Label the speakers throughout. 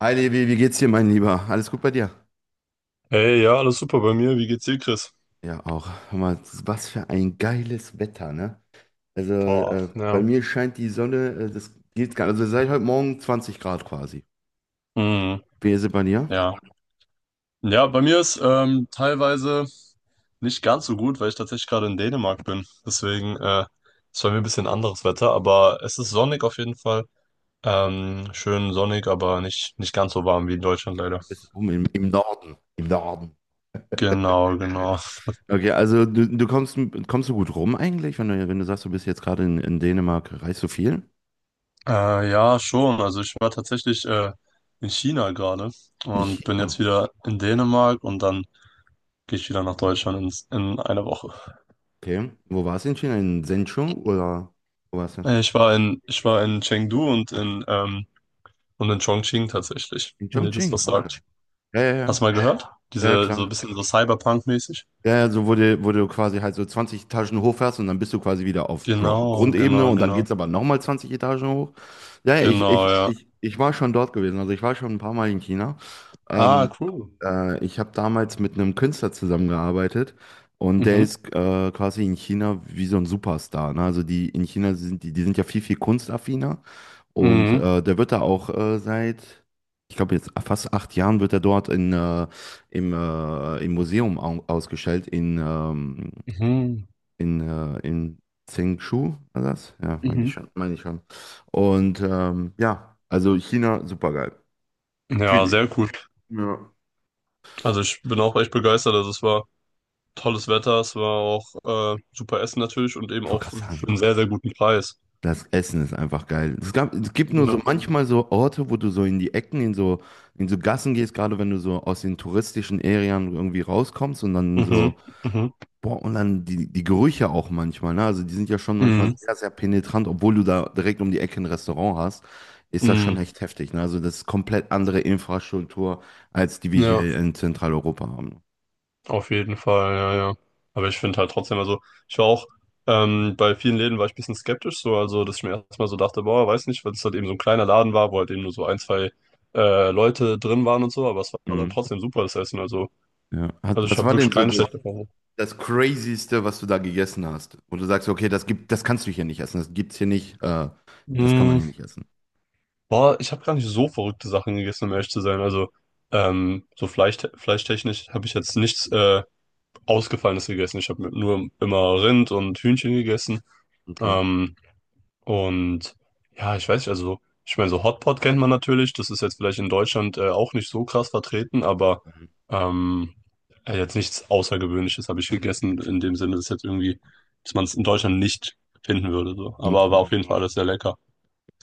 Speaker 1: Hi Levi, wie geht's dir, mein Lieber? Alles gut bei dir?
Speaker 2: Hey, ja, alles super bei mir. Wie geht's dir, Chris?
Speaker 1: Ja, auch. Hör mal, was für ein geiles Wetter, ne? Also
Speaker 2: Boah,
Speaker 1: bei
Speaker 2: ja.
Speaker 1: mir scheint die Sonne, das geht gar nicht. Also seit heute Morgen 20 Grad quasi.
Speaker 2: Hm,
Speaker 1: Wie ist es bei dir?
Speaker 2: ja. Ja, bei mir ist teilweise nicht ganz so gut, weil ich tatsächlich gerade in Dänemark bin. Deswegen ist bei mir ein bisschen anderes Wetter, aber es ist sonnig auf jeden Fall. Schön sonnig, aber nicht, nicht ganz so warm wie in Deutschland leider.
Speaker 1: Du bist oben im Norden. Im Norden.
Speaker 2: Genau, genau.
Speaker 1: Okay, also du kommst, kommst du gut rum eigentlich, wenn du sagst, du bist jetzt gerade in Dänemark, reist du viel?
Speaker 2: Ja, schon. Also ich war tatsächlich in China gerade
Speaker 1: In
Speaker 2: und bin jetzt
Speaker 1: China.
Speaker 2: wieder in Dänemark und dann gehe ich wieder nach Deutschland in einer Woche.
Speaker 1: Okay. Wo warst du in China? In Zhengzhou oder wo warst du?
Speaker 2: Ich war in Chengdu und in Chongqing tatsächlich,
Speaker 1: In
Speaker 2: wenn ihr das
Speaker 1: Chongqing,
Speaker 2: was
Speaker 1: auch geil.
Speaker 2: sagt.
Speaker 1: Ja, ja,
Speaker 2: Hast
Speaker 1: ja.
Speaker 2: du mal gehört?
Speaker 1: Ja,
Speaker 2: Diese, so ein
Speaker 1: klar.
Speaker 2: bisschen so Cyberpunk-mäßig?
Speaker 1: Ja, ja, so wo du quasi halt so 20 Etagen hochfährst und dann bist du quasi wieder auf Gro
Speaker 2: Genau,
Speaker 1: Grundebene
Speaker 2: genau,
Speaker 1: und dann
Speaker 2: genau.
Speaker 1: geht's aber nochmal 20 Etagen hoch. Ja, ja, ich,
Speaker 2: Genau,
Speaker 1: ich,
Speaker 2: ja.
Speaker 1: ich, ich war schon dort gewesen. Also ich war schon ein paar Mal in China.
Speaker 2: Ah,
Speaker 1: Ähm,
Speaker 2: cool.
Speaker 1: ich habe damals mit einem Künstler zusammengearbeitet und der
Speaker 2: Mhm,
Speaker 1: ist quasi in China wie so ein Superstar. Ne? Also die in China sind die, die sind ja viel, viel kunstaffiner und
Speaker 2: mhm,
Speaker 1: der wird da auch seit, ich glaube jetzt fast 8 Jahren wird er dort in im, im Museum au ausgestellt
Speaker 2: mhm,
Speaker 1: in Zhengshu, war das? Ja, meine ich
Speaker 2: mhm.
Speaker 1: schon, meine ich schon. Und ja, also China, super geil.
Speaker 2: Ja,
Speaker 1: Viel-
Speaker 2: sehr cool.
Speaker 1: Ja.
Speaker 2: Also ich bin auch echt begeistert. Also es war tolles Wetter, es war auch super Essen natürlich und eben
Speaker 1: Ich
Speaker 2: auch
Speaker 1: wollte gerade
Speaker 2: für
Speaker 1: sagen,
Speaker 2: einen sehr, sehr guten Preis.
Speaker 1: das Essen ist einfach geil. Es gab, es gibt nur
Speaker 2: Ja.
Speaker 1: so manchmal so Orte, wo du so in die Ecken, in so Gassen gehst, gerade wenn du so aus den touristischen Arealen irgendwie rauskommst und dann
Speaker 2: Mhm,
Speaker 1: so
Speaker 2: mhm,
Speaker 1: Boah, und dann die, die Gerüche auch manchmal, ne? Also die sind ja schon manchmal
Speaker 2: mhm,
Speaker 1: sehr, sehr penetrant, obwohl du da direkt um die Ecke ein Restaurant hast, ist das schon
Speaker 2: mhm.
Speaker 1: echt heftig, ne? Also das ist komplett andere Infrastruktur, als die wir
Speaker 2: Ja.
Speaker 1: hier in Zentraleuropa haben.
Speaker 2: Auf jeden Fall, ja, ja. Aber ich finde halt trotzdem, also ich war auch, bei vielen Läden war ich ein bisschen skeptisch, so, also dass ich mir erstmal so dachte, boah, weiß nicht, weil es halt eben so ein kleiner Laden war, wo halt eben nur so ein, zwei Leute drin waren und so, aber es war dann
Speaker 1: Mhm.
Speaker 2: trotzdem super, das Essen. Also,
Speaker 1: Ja.
Speaker 2: also
Speaker 1: Hat,
Speaker 2: ich
Speaker 1: was
Speaker 2: habe
Speaker 1: war
Speaker 2: wirklich
Speaker 1: denn so
Speaker 2: keine
Speaker 1: das,
Speaker 2: schlechte Erfahrung.
Speaker 1: das Crazyste, was du da gegessen hast? Wo du sagst, okay, das gibt, das kannst du hier nicht essen, das gibt's hier nicht, das kann man
Speaker 2: Mm,
Speaker 1: hier nicht essen.
Speaker 2: Boah, ich habe gar nicht so verrückte Sachen gegessen, um ehrlich zu sein. Also, so fleischtechnisch habe ich jetzt nichts Ausgefallenes gegessen. Ich habe nur immer Rind und Hühnchen gegessen.
Speaker 1: Okay.
Speaker 2: Ähm, Und ja, ich weiß nicht, also ich meine, so Hotpot kennt man natürlich, das ist jetzt vielleicht in Deutschland auch nicht so krass vertreten, aber
Speaker 1: Mhm.
Speaker 2: ähm, jetzt nichts Außergewöhnliches habe ich gegessen, in dem Sinne, dass jetzt irgendwie, dass man es in Deutschland nicht finden würde. So. Aber war
Speaker 1: Okay.
Speaker 2: auf jeden Fall alles sehr lecker.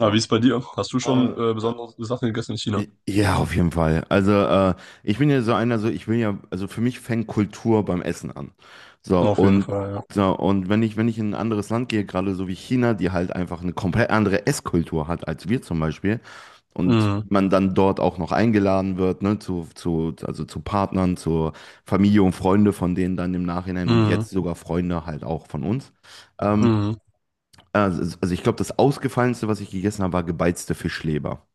Speaker 2: Aber wie ist
Speaker 1: Boah.
Speaker 2: es bei dir? Hast du schon
Speaker 1: Äh,
Speaker 2: besondere Sachen gegessen in China?
Speaker 1: Ja, auf jeden Fall. Also ich bin ja so einer, so ich will ja, also für mich fängt Kultur beim Essen an. So
Speaker 2: Auf jeden
Speaker 1: und
Speaker 2: Fall, ja.
Speaker 1: so und wenn ich in ein anderes Land gehe, gerade so wie China, die halt einfach eine komplett andere Esskultur hat als wir zum Beispiel und
Speaker 2: Mhm.
Speaker 1: man dann dort auch noch eingeladen wird, ne, zu also zu Partnern, zur Familie und Freunde von denen dann im Nachhinein und jetzt
Speaker 2: Mhm.
Speaker 1: sogar Freunde halt auch von uns. Ähm,
Speaker 2: Mhm.
Speaker 1: also ich glaube, das Ausgefallenste, was ich gegessen habe, war gebeizte Fischleber.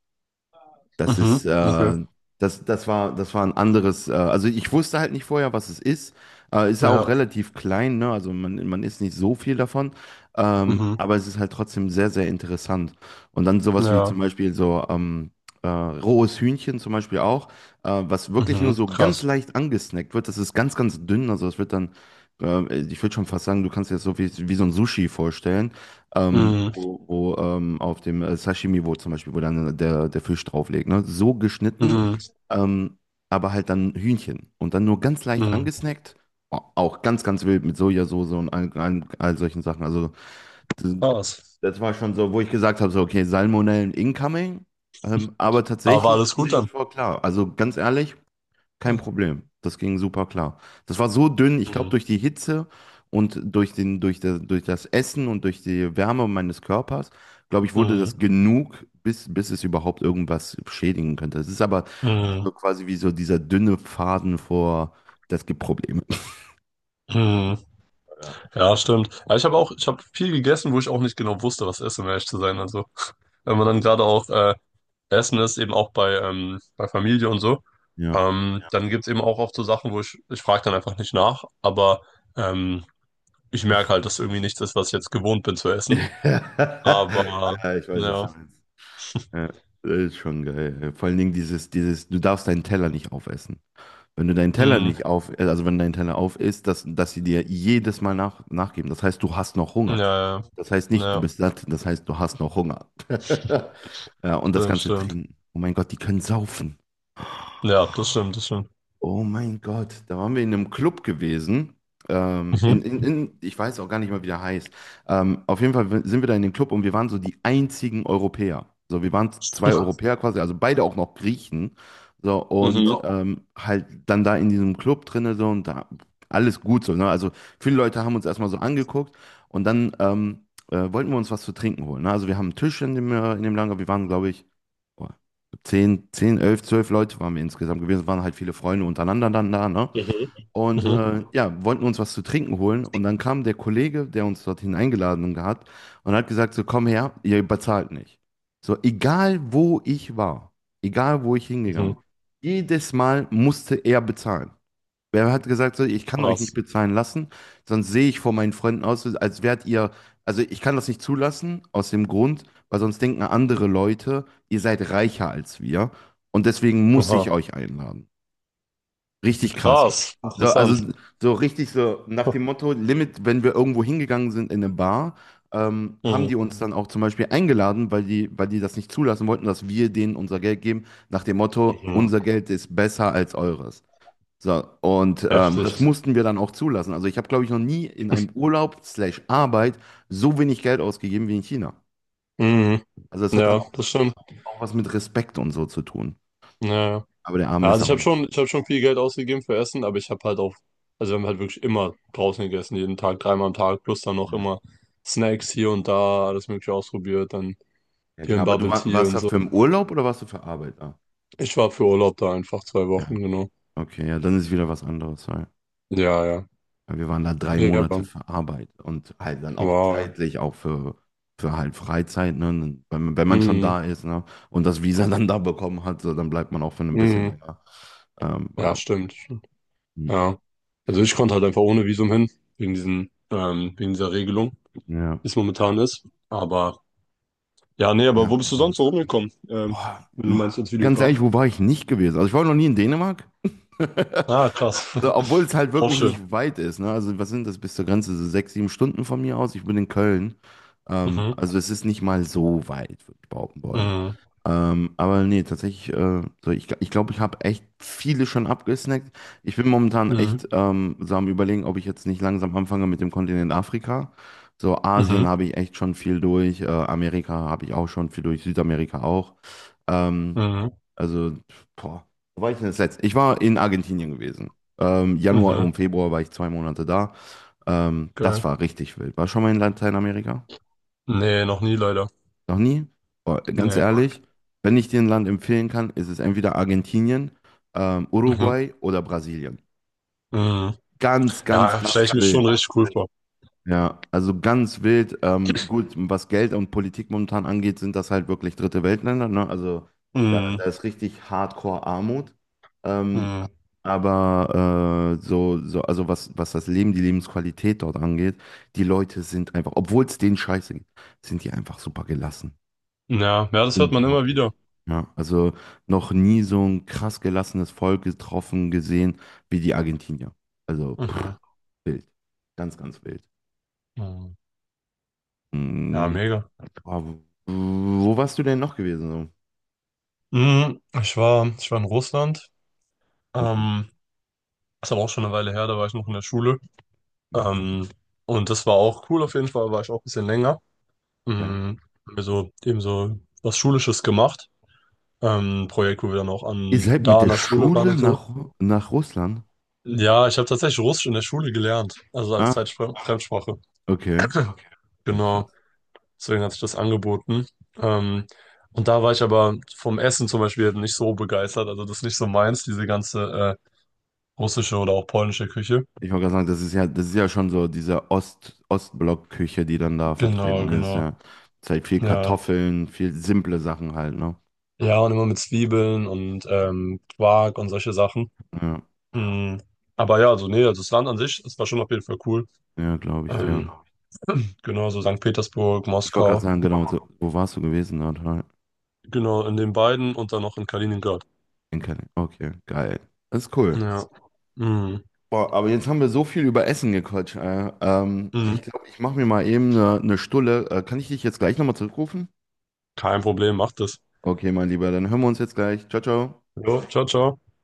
Speaker 1: Das ist,
Speaker 2: Mhm. Okay.
Speaker 1: das war, das war ein anderes, also ich wusste halt nicht vorher, was es ist. Ist auch
Speaker 2: Ja.
Speaker 1: relativ klein, ne? Also man isst nicht so viel davon,
Speaker 2: Mhm.
Speaker 1: aber es ist halt trotzdem sehr, sehr interessant. Und dann sowas wie zum
Speaker 2: Ja.
Speaker 1: Beispiel so rohes Hühnchen zum Beispiel auch, was wirklich nur
Speaker 2: Mhm.
Speaker 1: so ganz
Speaker 2: Krass.
Speaker 1: leicht angesnackt wird. Das ist ganz, ganz dünn, also es wird dann, ich würde schon fast sagen, du kannst dir das so wie, wie so ein Sushi vorstellen
Speaker 2: Mhm.
Speaker 1: wo auf dem Sashimi, wo zum Beispiel, wo dann der Fisch drauflegt ne? So geschnitten,
Speaker 2: Mhm.
Speaker 1: ähm, aber halt dann Hühnchen und dann nur ganz leicht
Speaker 2: Mhm.
Speaker 1: angesnackt, auch ganz, ganz wild mit Sojasauce und all solchen Sachen. Also das,
Speaker 2: Krass.
Speaker 1: das war schon so, wo ich gesagt habe, so, okay, Salmonellen incoming, aber
Speaker 2: Aber war
Speaker 1: tatsächlich
Speaker 2: alles gut
Speaker 1: ging das
Speaker 2: dann?
Speaker 1: voll klar. Also ganz ehrlich, kein
Speaker 2: Mhm.
Speaker 1: Problem. Das ging super klar. Das war so dünn, ich glaube, durch die Hitze und durch den, durch der, durch das Essen und durch die Wärme meines Körpers, glaube ich, wurde
Speaker 2: Mhm.
Speaker 1: das genug, bis, bis es überhaupt irgendwas schädigen könnte. Es ist aber
Speaker 2: Mhm.
Speaker 1: so quasi wie so dieser dünne Faden vor, das gibt Probleme.
Speaker 2: Mhm.
Speaker 1: Ja,
Speaker 2: Ja, stimmt. Ja, ich habe viel gegessen, wo ich auch nicht genau wusste, was esse, um ehrlich zu sein. Also, wenn man dann gerade auch essen ist, eben auch bei Familie und so,
Speaker 1: ja.
Speaker 2: ja. Dann gibt's eben auch oft so Sachen, wo ich frage dann einfach nicht nach, aber ähm, ich merke halt, dass irgendwie nichts ist, was ich jetzt gewohnt bin zu essen. Aber
Speaker 1: ja ich weiß, was du
Speaker 2: ja,
Speaker 1: meinst. Ja, das ist schon geil. Vor allen Dingen dieses, dieses, du darfst deinen Teller nicht aufessen. Wenn du deinen Teller
Speaker 2: mh,
Speaker 1: nicht auf, also wenn dein Teller auf ist, dass sie dir jedes Mal nach, nachgeben. Das heißt, du hast noch
Speaker 2: ja,
Speaker 1: Hunger.
Speaker 2: ja,
Speaker 1: Das heißt nicht, du
Speaker 2: ja,
Speaker 1: bist satt, das heißt, du hast noch Hunger. Ja, und das
Speaker 2: stimmt,
Speaker 1: ganze
Speaker 2: stimmt.
Speaker 1: Trinken. Oh mein Gott, die können saufen.
Speaker 2: Ja, das stimmt, das stimmt.
Speaker 1: Oh mein Gott, da waren wir in einem Club gewesen.
Speaker 2: Mhm.
Speaker 1: Ich weiß auch gar nicht mal, wie der heißt. Auf jeden Fall sind wir da in den Club und wir waren so die einzigen Europäer. So, wir waren zwei Europäer quasi, also beide auch noch Griechen. So,
Speaker 2: Mhm.
Speaker 1: und halt dann da in diesem Club drinne so und da alles gut so. Ne? Also viele Leute haben uns erstmal so angeguckt und dann wollten wir uns was zu trinken holen. Ne? Also wir haben einen Tisch in dem Lager. Wir waren, glaube ich, 10, 10, 11, 12 Leute waren wir insgesamt gewesen. Es waren halt viele Freunde untereinander dann da, ne?
Speaker 2: Mhm.
Speaker 1: Und
Speaker 2: Mhm.
Speaker 1: ja, wollten uns was zu trinken holen. Und dann kam der Kollege, der uns dorthin eingeladen hat, und hat gesagt: So, komm her, ihr bezahlt nicht. So, egal wo ich war, egal wo ich hingegangen
Speaker 2: Mhm.
Speaker 1: bin, jedes Mal musste er bezahlen. Wer hat gesagt, so, ich kann euch nicht
Speaker 2: Krass.
Speaker 1: bezahlen lassen, sonst sehe ich vor meinen Freunden aus, als wärt ihr, also ich kann das nicht zulassen, aus dem Grund, weil sonst denken andere Leute, ihr seid reicher als wir und deswegen muss ich
Speaker 2: Aha.
Speaker 1: euch einladen. Richtig krass.
Speaker 2: Krass.
Speaker 1: So, also
Speaker 2: Interessant.
Speaker 1: so richtig so nach dem Motto, Limit, wenn wir irgendwo hingegangen sind in eine Bar, haben die
Speaker 2: Mhm.
Speaker 1: uns dann auch zum Beispiel eingeladen, weil die das nicht zulassen wollten, dass wir denen unser Geld geben, nach dem Motto,
Speaker 2: Mhm.
Speaker 1: unser Geld ist besser als eures. So, und das
Speaker 2: Heftig.
Speaker 1: mussten wir dann auch zulassen. Also ich habe, glaube ich, noch nie in einem Urlaub slash Arbeit so wenig Geld ausgegeben wie in China.
Speaker 2: Mhm.
Speaker 1: Also das hat dann
Speaker 2: Ja,
Speaker 1: auch,
Speaker 2: das stimmt.
Speaker 1: auch was mit Respekt und so zu tun.
Speaker 2: Ja, ja.
Speaker 1: Aber der Arme
Speaker 2: Ja,
Speaker 1: ist
Speaker 2: also
Speaker 1: auch...
Speaker 2: ich habe schon viel Geld ausgegeben für Essen, aber ich habe halt auch, also wir haben halt wirklich immer draußen gegessen, jeden Tag, dreimal am Tag, plus dann noch
Speaker 1: Ja,
Speaker 2: immer Snacks hier und da, alles Mögliche ausprobiert, dann
Speaker 1: ja,
Speaker 2: hier
Speaker 1: klar,
Speaker 2: ein
Speaker 1: aber
Speaker 2: Bubble Tea
Speaker 1: warst
Speaker 2: und
Speaker 1: da
Speaker 2: so.
Speaker 1: für im Urlaub oder warst du für Arbeit da?
Speaker 2: Ich war für Urlaub da einfach 2 Wochen,
Speaker 1: Ja,
Speaker 2: genau.
Speaker 1: okay, ja, dann ist wieder was anderes. Ja.
Speaker 2: Ja, ja.
Speaker 1: Ja, wir waren da drei
Speaker 2: Ja,
Speaker 1: Monate
Speaker 2: aber
Speaker 1: für Arbeit und halt dann auch
Speaker 2: wow, ja.
Speaker 1: zeitlich auch für halt Freizeit, ne? Wenn man schon
Speaker 2: Mhm.
Speaker 1: da ist, ne? Und das Visa dann da bekommen hat, so, dann bleibt man auch für ein bisschen
Speaker 2: Mhm.
Speaker 1: länger.
Speaker 2: Ja,
Speaker 1: Voilà.
Speaker 2: stimmt.
Speaker 1: Hm.
Speaker 2: Ja. Also ich konnte halt einfach ohne Visum hin, wegen dieser Regelung,
Speaker 1: Ja.
Speaker 2: wie es momentan ist. Aber ja, nee, aber
Speaker 1: Ja,
Speaker 2: wo bist du sonst so rumgekommen?
Speaker 1: boah,
Speaker 2: Wenn du meinst als
Speaker 1: ganz ehrlich,
Speaker 2: Videograf.
Speaker 1: wo war ich nicht gewesen? Also ich war noch nie in Dänemark.
Speaker 2: Ah, krass.
Speaker 1: So, obwohl es halt
Speaker 2: Auch
Speaker 1: wirklich
Speaker 2: schön.
Speaker 1: nicht weit ist, ne? Also, was sind das bis zur Grenze? So 6, 7 Stunden von mir aus. Ich bin in Köln.
Speaker 2: Mhm.
Speaker 1: Also, es ist nicht mal so weit, würde ich behaupten wollen.
Speaker 2: Mhm.
Speaker 1: Aber nee, tatsächlich, so ich glaube, ich habe echt viele schon abgesnackt. Ich bin momentan
Speaker 2: Mhm.
Speaker 1: echt so am Überlegen, ob ich jetzt nicht langsam anfange mit dem Kontinent Afrika. So, Asien
Speaker 2: Mhm.
Speaker 1: habe ich echt schon viel durch, Amerika habe ich auch schon viel durch, Südamerika auch. Ähm,
Speaker 2: Mhm.
Speaker 1: also, boah, wo war ich denn das letzte? Ich war in Argentinien gewesen. Januar
Speaker 2: Mhm.
Speaker 1: und Februar war ich 2 Monate da. Das
Speaker 2: Geil.
Speaker 1: war richtig wild. War schon mal in Lateinamerika?
Speaker 2: Nee, noch nie leider.
Speaker 1: Noch nie? Boah, ganz
Speaker 2: Nee.
Speaker 1: ehrlich, wenn ich dir ein Land empfehlen kann, ist es entweder Argentinien,
Speaker 2: Mhm.
Speaker 1: Uruguay oder Brasilien.
Speaker 2: Mhm.
Speaker 1: Ganz, ganz,
Speaker 2: Ja, stelle
Speaker 1: ganz
Speaker 2: ich mir schon
Speaker 1: wild.
Speaker 2: richtig cool vor.
Speaker 1: Ja, also ganz wild. Gut, was Geld und Politik momentan angeht, sind das halt wirklich dritte Weltländer, ne? Also da, da
Speaker 2: Mhm.
Speaker 1: ist richtig Hardcore Armut. Ähm,
Speaker 2: Mhm.
Speaker 1: aber so, so, also was, was das Leben, die Lebensqualität dort angeht, die Leute sind einfach, obwohl es denen scheiße geht, sind die einfach super gelassen.
Speaker 2: Ja, ja, das hört man immer
Speaker 1: Unglaublich.
Speaker 2: wieder.
Speaker 1: Ja, also noch nie so ein krass gelassenes Volk getroffen, gesehen wie die Argentinier. Also pff,
Speaker 2: Mhm.
Speaker 1: wild. Ganz, ganz wild.
Speaker 2: Mhm. Ja,
Speaker 1: Mm.
Speaker 2: mega.
Speaker 1: Ah, wo warst du denn noch gewesen?
Speaker 2: Mhm. Ich war in Russland.
Speaker 1: So? Okay.
Speaker 2: Ähm, Ist aber auch schon eine Weile her, da war ich noch in der Schule.
Speaker 1: Okay.
Speaker 2: Ähm, und das war auch cool auf jeden Fall, war ich auch ein bisschen länger.
Speaker 1: Okay.
Speaker 2: Mhm. Haben wir so eben so was Schulisches gemacht. Ein Projekt, wo wir dann auch
Speaker 1: Ihr seid
Speaker 2: da
Speaker 1: mit
Speaker 2: an
Speaker 1: der
Speaker 2: der Schule waren
Speaker 1: Schule
Speaker 2: und so.
Speaker 1: nach, nach Russland?
Speaker 2: Ja, ich habe tatsächlich Russisch in der Schule gelernt, also als
Speaker 1: Ah,
Speaker 2: Fremdsprache.
Speaker 1: okay. Ja,
Speaker 2: Genau,
Speaker 1: krass.
Speaker 2: deswegen hat sich das angeboten. Ähm, und da war ich aber vom Essen zum Beispiel halt nicht so begeistert. Also das ist nicht so meins, diese ganze russische oder auch polnische Küche.
Speaker 1: Ich wollte gerade sagen, das ist ja schon so diese Ost, Ostblock-Küche, die dann da vertreten
Speaker 2: Genau,
Speaker 1: ist,
Speaker 2: genau.
Speaker 1: ja. Ist halt viel
Speaker 2: Ja.
Speaker 1: Kartoffeln, viel simple Sachen halt, ne?
Speaker 2: Ja, und immer mit Zwiebeln und Quark und solche Sachen.
Speaker 1: Ja,
Speaker 2: Mm, aber ja, also nee, also das Land an sich, das war schon auf jeden Fall cool.
Speaker 1: ja, glaube ich, dir.
Speaker 2: Ähm, genau, so St. Petersburg,
Speaker 1: Ich wollte gerade
Speaker 2: Moskau,
Speaker 1: sagen, genau, so, wo warst du gewesen? Na,
Speaker 2: genau, in den beiden und dann noch in Kaliningrad.
Speaker 1: in Kaliningrad. Okay, geil. Das ist cool.
Speaker 2: Ja. Mm,
Speaker 1: Boah, aber jetzt haben wir so viel über Essen gequatscht.
Speaker 2: mm,
Speaker 1: Ich glaube, ich mache mir mal eben eine Stulle. Kann ich dich jetzt gleich nochmal zurückrufen?
Speaker 2: kein Problem, macht es.
Speaker 1: Okay, mein Lieber, dann hören wir uns jetzt gleich. Ciao, ciao.
Speaker 2: Jo, ciao, ciao.